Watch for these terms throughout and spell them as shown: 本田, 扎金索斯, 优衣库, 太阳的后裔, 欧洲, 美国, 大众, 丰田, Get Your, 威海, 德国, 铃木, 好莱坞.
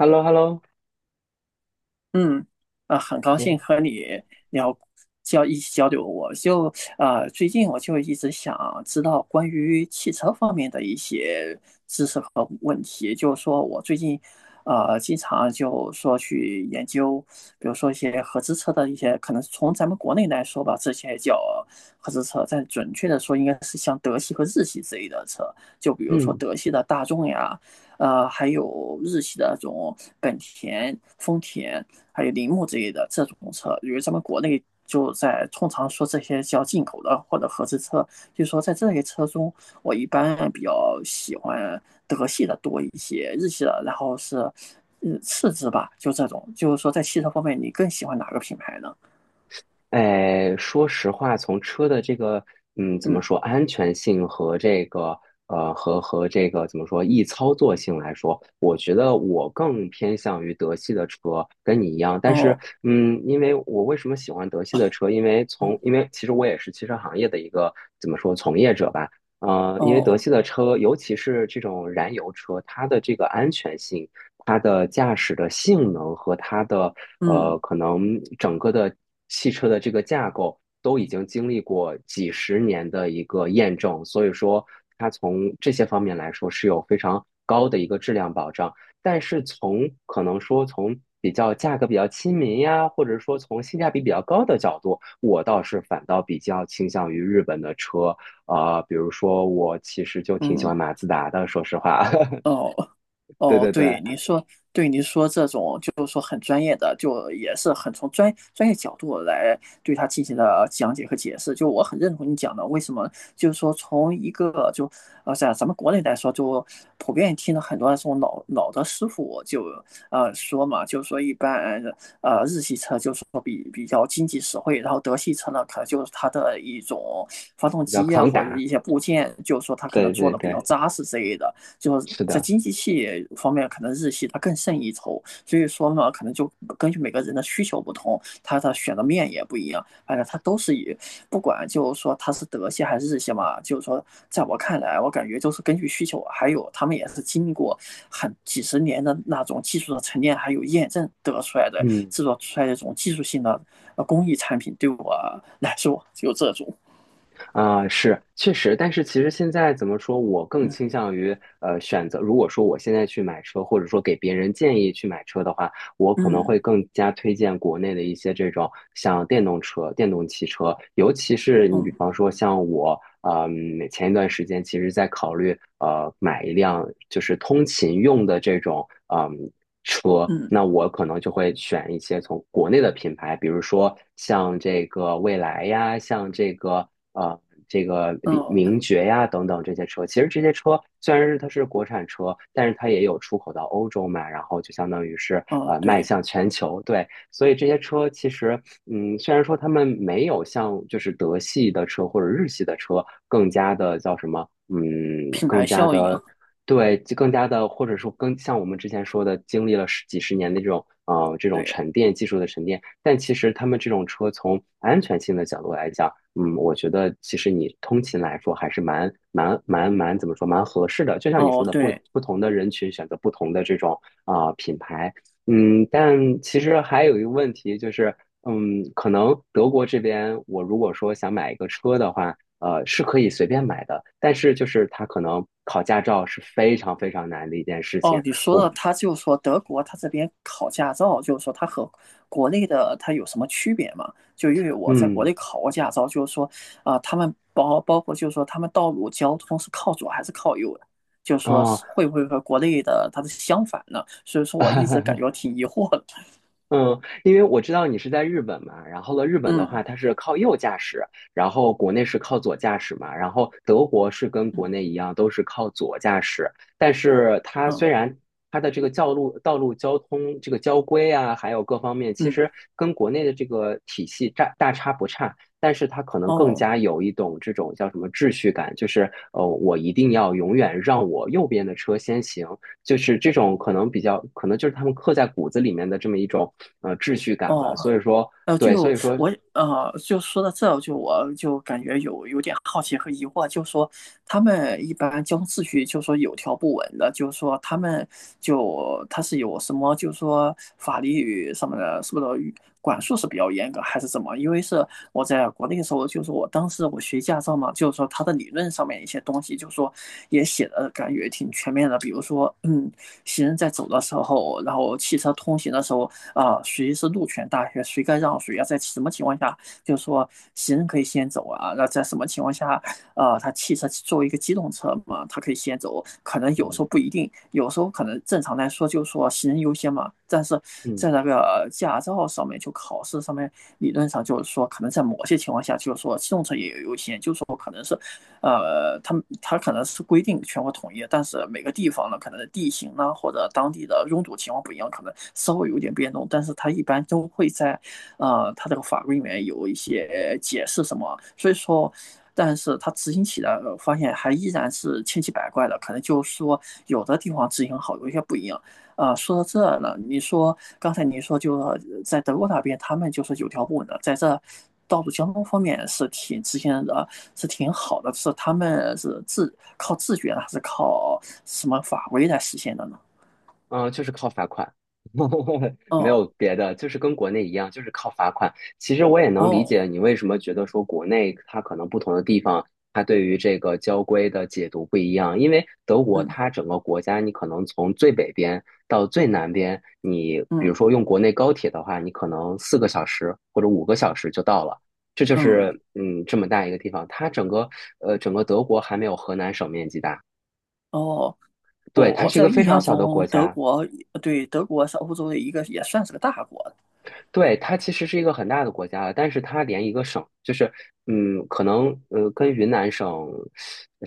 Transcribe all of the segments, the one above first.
h e l l o h e l l o。 嗯，啊，很高你。兴和你聊交一起交流。我就最近我就一直想知道关于汽车方面的一些知识和问题。就是说我最近经常就说去研究，比如说一些合资车的一些，可能从咱们国内来说吧，这些叫合资车，但准确的说应该是像德系和日系之类的车，就比如说嗯。德系的大众呀，还有日系的这种本田、丰田。还有铃木之类的这种车，因为咱们国内就在通常说这些叫进口的或者合资车，就是说在这些车中，我一般比较喜欢德系的多一些，日系的，然后是嗯次之吧，就这种，就是说在汽车方面，你更喜欢哪个品牌呢？哎，说实话，从车的这个怎么嗯。说安全性和这个和这个怎么说易操作性来说，我觉得我更偏向于德系的车，跟你一样。但是哦。因为我为什么喜欢德系的车？因为从嗯。因为其实我也是汽车行业的一个怎么说从业者吧。因为德哦。系的车，尤其是这种燃油车，它的这个安全性。它的驾驶的性能和它的嗯。可能整个的汽车的这个架构都已经经历过几十年的一个验证，所以说它从这些方面来说是有非常高的一个质量保障。但是从可能说从比较价格比较亲民呀，或者说从性价比比较高的角度，我倒是反倒比较倾向于日本的车。比如说我其实就挺喜欢嗯。马自达的，说实话。哦。对哦，对对，对，您说，对您说这种就是说很专业的，就也是很从专业角度来对它进行了讲解和解释。就我很认同你讲的，为什么就是说从一个就在咱们国内来说，就普遍听了很多这种老的师傅就说嘛，就是说一般日系车就是说比较经济实惠，然后德系车呢可能就是它的一种发动比较机啊抗或者打。一些部件，就是说它可能对做对的比对，较扎实之类的。就是是在的。经济系方面，可能日系它更胜一筹。所以说呢，可能就根据每个人的需求不同，它的选的面也不一样。反正它都是以，不管就是说它是德系还是日系嘛，就是说，在我看来，我感觉就是根据需求，还有他们也是经历过很几十年的那种技术的沉淀，还有验证得出来的嗯。制作出来的这种技术性的工艺产品，对我 来说就这种，是确实，但是其实现在怎么说，我更倾嗯。向于选择。如果说我现在去买车，或者说给别人建议去买车的话，我可能嗯。会更加推荐国内的一些这种像电动车、电动汽车，尤其是你嗯。比方说像我，前一段时间其实在考虑买一辆就是通勤用的这种。嗯车，嗯。嗯。那我可能就会选一些从国内的品牌，比如说像这个蔚来呀，像呃这个李名爵呀等等这些车。其实这些车虽然是它是国产车，但是它也有出口到欧洲嘛，然后就相当于是哦、迈对，向全球。对，所以这些车其实虽然说他们没有像就是德系的车或者日系的车更加的叫什么。嗯，品牌更加效应。的对，就更加的，或者说更像我们之前说的，经历了十几十年的这种这种对，沉淀技术的沉淀。但其实他们这种车从安全性的角度来讲，我觉得其实你通勤来说还是蛮蛮蛮蛮怎么说蛮合适的。就像你哦，说的，不对。不同的人群选择不同的这种品牌。但其实还有一个问题就是，可能德国这边我如果说想买一个车的话。是可以随便买的，但是就是他可能考驾照是非常非常难的一件事哦，情。你说到我。他就说德国他这边考驾照，就是说他和国内的他有什么区别嘛？就因为我在国嗯。内考过驾照，就是说啊、他们包括就是说他们道路交通是靠左还是靠右的，就是说哦。是会不会和国内的它是相反呢？所以说我一直感觉 挺疑惑的。嗯，因为我知道你是在日本嘛，然后呢，日 本的嗯。话它是靠右驾驶，然后国内是靠左驾驶嘛，然后德国是跟国嗯。内一样都是靠左驾驶。但是它嗯。虽然它的这个道路交通这个交规啊，还有各方面，其嗯。实跟国内的这个体系差不差，但是它可能更哦。加有一种这种叫什么秩序感，就是我一定要永远让我右边的车先行。就是这种可能比较，可能就是他们刻在骨子里面的这么一种秩序感吧。哦。所以说，对，所以说，就说到这儿就我就感觉有点好奇和疑惑，就说他们一般交通秩序，就说有条不紊的，就是说他们就他是有什么，就是说法律什么的，是不是管束是比较严格，还是怎么？因为是我在国内的时候，就是我当时我学驾照嘛，就是说他的理论上面一些东西，就是说也写的感觉挺全面的，比如说嗯，行人在走的时候，然后汽车通行的时候。啊，谁是路权大学，谁该让谁啊，在什么情况下，就是说行人可以先走啊，那在什么情况下，啊，他汽车作为一个机动车嘛，它可以先走，可能有时候嗯不一定，有时候可能正常来说就是说行人优先嘛，但是在嗯。那个驾照上面就考试上面理论上就是说，可能在某些情况下就是说机动车也有优先，就是说可能是它它可能是规定全国统一，但是每个地方呢，可能地形呢或者当地的拥堵情况不一样，可能稍微有点变动，但是它一般都会在，它这个法规里面有一些解释什么，所以说。但是它执行起来，发现还依然是千奇百怪的，可能就是说有的地方执行好，有些不一样。啊，说到这呢，你说刚才你说就在德国那边，他们就是有条不紊的，在这道路交通方面是挺之前的，是挺好的，是他们是自靠自觉呢，还是靠什么法规来实现的呢？嗯，就是靠罚款。没有哦。别的，就是跟国内一样，就是靠罚款。其实我也能理解哦。你为什么觉得说国内它可能不同的地方，它对于这个交规的解读不一样。因为德国嗯。它整个国家，你可能从最北边到最南边，你比如嗯。说用国内高铁的话，你可能4个小时或者5个小时就到了。这就嗯。是这么大一个地方，它整个整个德国还没有河南省面积大。哦。对，我它我是一在个印非常象小的中，国德家。国对德国是欧洲的一个，也算是个大国。对，它其实是一个很大的国家了，但是它连一个省，就是，可能跟云南省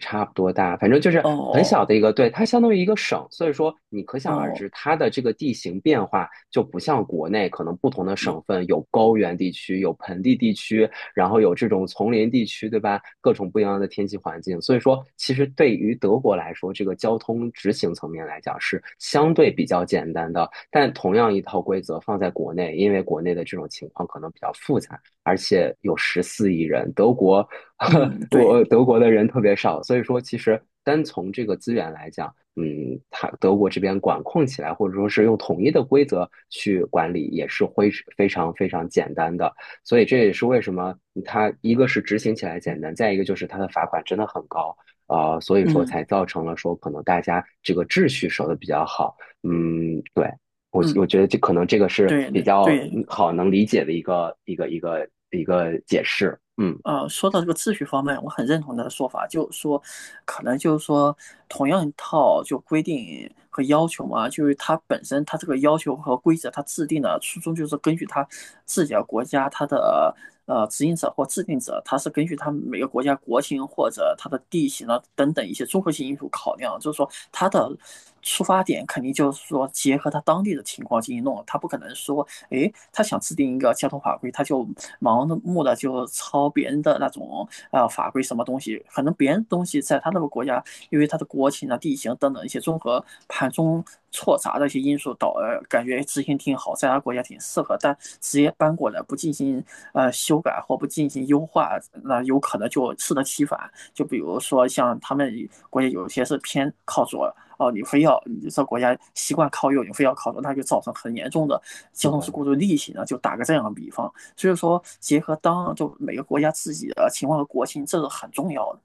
差不多大，反正就是很小哦。的一个。对，它相当于一个省，所以说你可想而哦，知，它的这个地形变化就不像国内，可能不同的省份有高原地区，有盆地地区，然后有这种丛林地区，对吧？各种不一样的天气环境，所以说其实对于德国来说，这个交通执行层面来讲是相对比较简单的。但同样一套规则放在国内，因为国内的这种情况可能比较复杂，而且有14亿人。德国呵 嗯，对，我德国的人特别少，所以说其实单从这个资源来讲。嗯，它德国这边管控起来，或者说是用统一的规则去管理，也是非常非常简单的。所以这也是为什么它一个是执行起来简单，再一个就是它的罚款真的很高。所以说嗯。才造成了说可能大家这个秩序守得比较好。嗯，对。我嗯，我觉得这可能这个是对比对较对，好能理解的一个解释。嗯。说到这个秩序方面，我很认同他的说法，就是说，可能就是说，同样一套就规定和要求嘛，就是它本身它这个要求和规则，它制定的初衷就是根据它自己的国家它的执行者或制定者，它是根据他们每个国家国情或者它的地形啊等等一些综合性因素考量，就是说它的出发点肯定就是说结合它当地的情况进行弄，它不可能说诶，他想制定一个交通法规，他就盲目的就抄别人的那种法规什么东西，可能别人东西在他那个国家，因为他的国情啊、地形等等一些综合盘中错杂的一些因素，感觉执行挺好，在他国家挺适合，但直接搬过来不进行修改或不进行优化，那有可能就适得其反。就比如说像他们国家有些是偏靠左。哦，你非要你这国家习惯靠右，你非要靠左，那就造成很严重的交是通事的。故的利息呢，就打个这样的比方。所以说，结合当就每个国家自己的情况和国情，这是很重要的。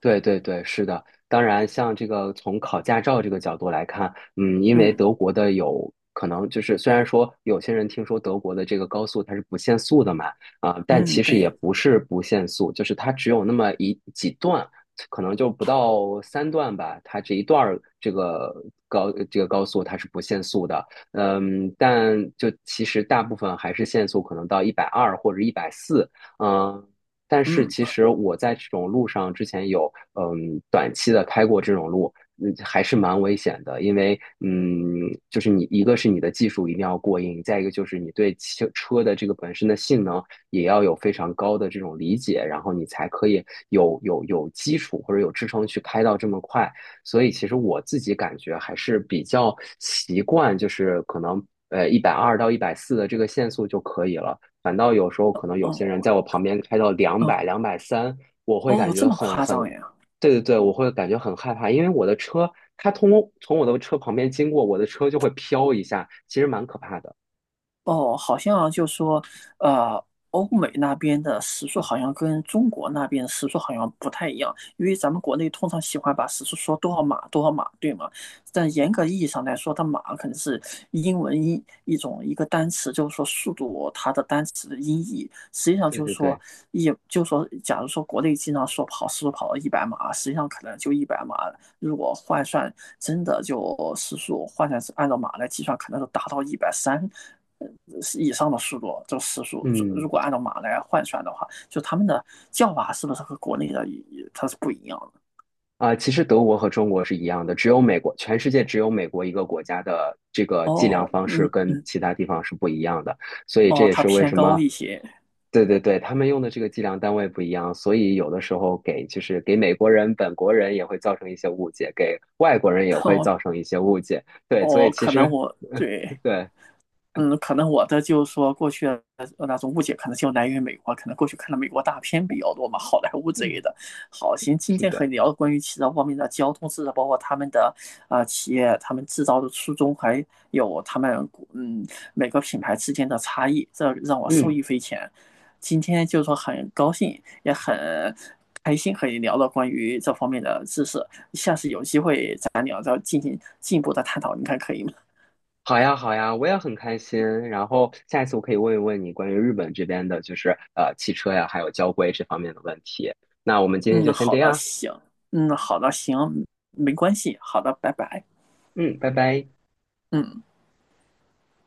对对对，是的。当然，像这个从考驾照这个角度来看。嗯，因为嗯。德国的有可能就是，虽然说有些人听说德国的这个高速它是不限速的嘛。但嗯，其实也对。不是不限速，就是它只有那么几段，可能就不到3段吧，它这一段儿这个高速它是不限速的。但就其实大部分还是限速，可能到一百二或者一百四。嗯，但是其嗯。实我在这种路上之前有短期的开过这种路。还是蛮危险的，因为就是你一个是你的技术一定要过硬，再一个就是你对汽车的这个本身的性能也要有非常高的这种理解，然后你才可以有基础或者有支撑去开到这么快。所以其实我自己感觉还是比较习惯，就是可能一百二到一百四的这个限速就可以了。反倒有时候可能有些人哦。在我旁边开到两哦。百、230，我会哦，感这觉么很夸很，张呀？对对对，我会感觉很害怕，因为我的车它从我的车旁边经过，我的车就会飘一下，其实蛮可怕的。哦，好像就说，呃，欧美那边的时速好像跟中国那边的时速好像不太一样，因为咱们国内通常喜欢把时速说多少码多少码，对吗？但严格意义上来说，它码可能是英文一种一个单词，就是说速度它的单词的音译。实际上对就是对说，对，也就是说，假如说国内经常说跑时速跑到一百码，实际上可能就一百码，如果换算真的就时速换算是按照马来计算，可能是达到130以上的速度，这个时速如嗯。果按照马来换算的话，就他们的叫法是不是和国内的它是不一样的？其实德国和中国是一样的，只有美国，全世界只有美国一个国家的这个计量哦，方式嗯，跟其他地方是不一样的。所以这哦，也它是为偏什高么，一些。对对对，他们用的这个计量单位不一样，所以有的时候就是给美国人、本国人也会造成一些误解，给外国人也 会哦。造成一些误解。对，所哦，以其可能实。我 对对。嗯，可能我的就是说过去的那种误解，可能就来源于美国，可能过去看的美国大片比较多嘛，好莱坞之类嗯。的。好，行，今是天和你的。聊关于汽车方面的交通知识，包括他们的啊、企业、他们制造的初衷，还有他们嗯每个品牌之间的差异，这让我受嗯。益匪浅。今天就是说很高兴，也很开心和你聊了关于这方面的知识。下次有机会咱俩再进行进一步的探讨，你看可以吗？好呀，好呀，我也很开心。然后下一次我可以问一问你关于日本这边的，就是汽车呀，还有交规这方面的问题。那我们今天就嗯，先好这的，样。行，嗯，好的，行，没关系，好的，拜拜，嗯，拜拜。嗯。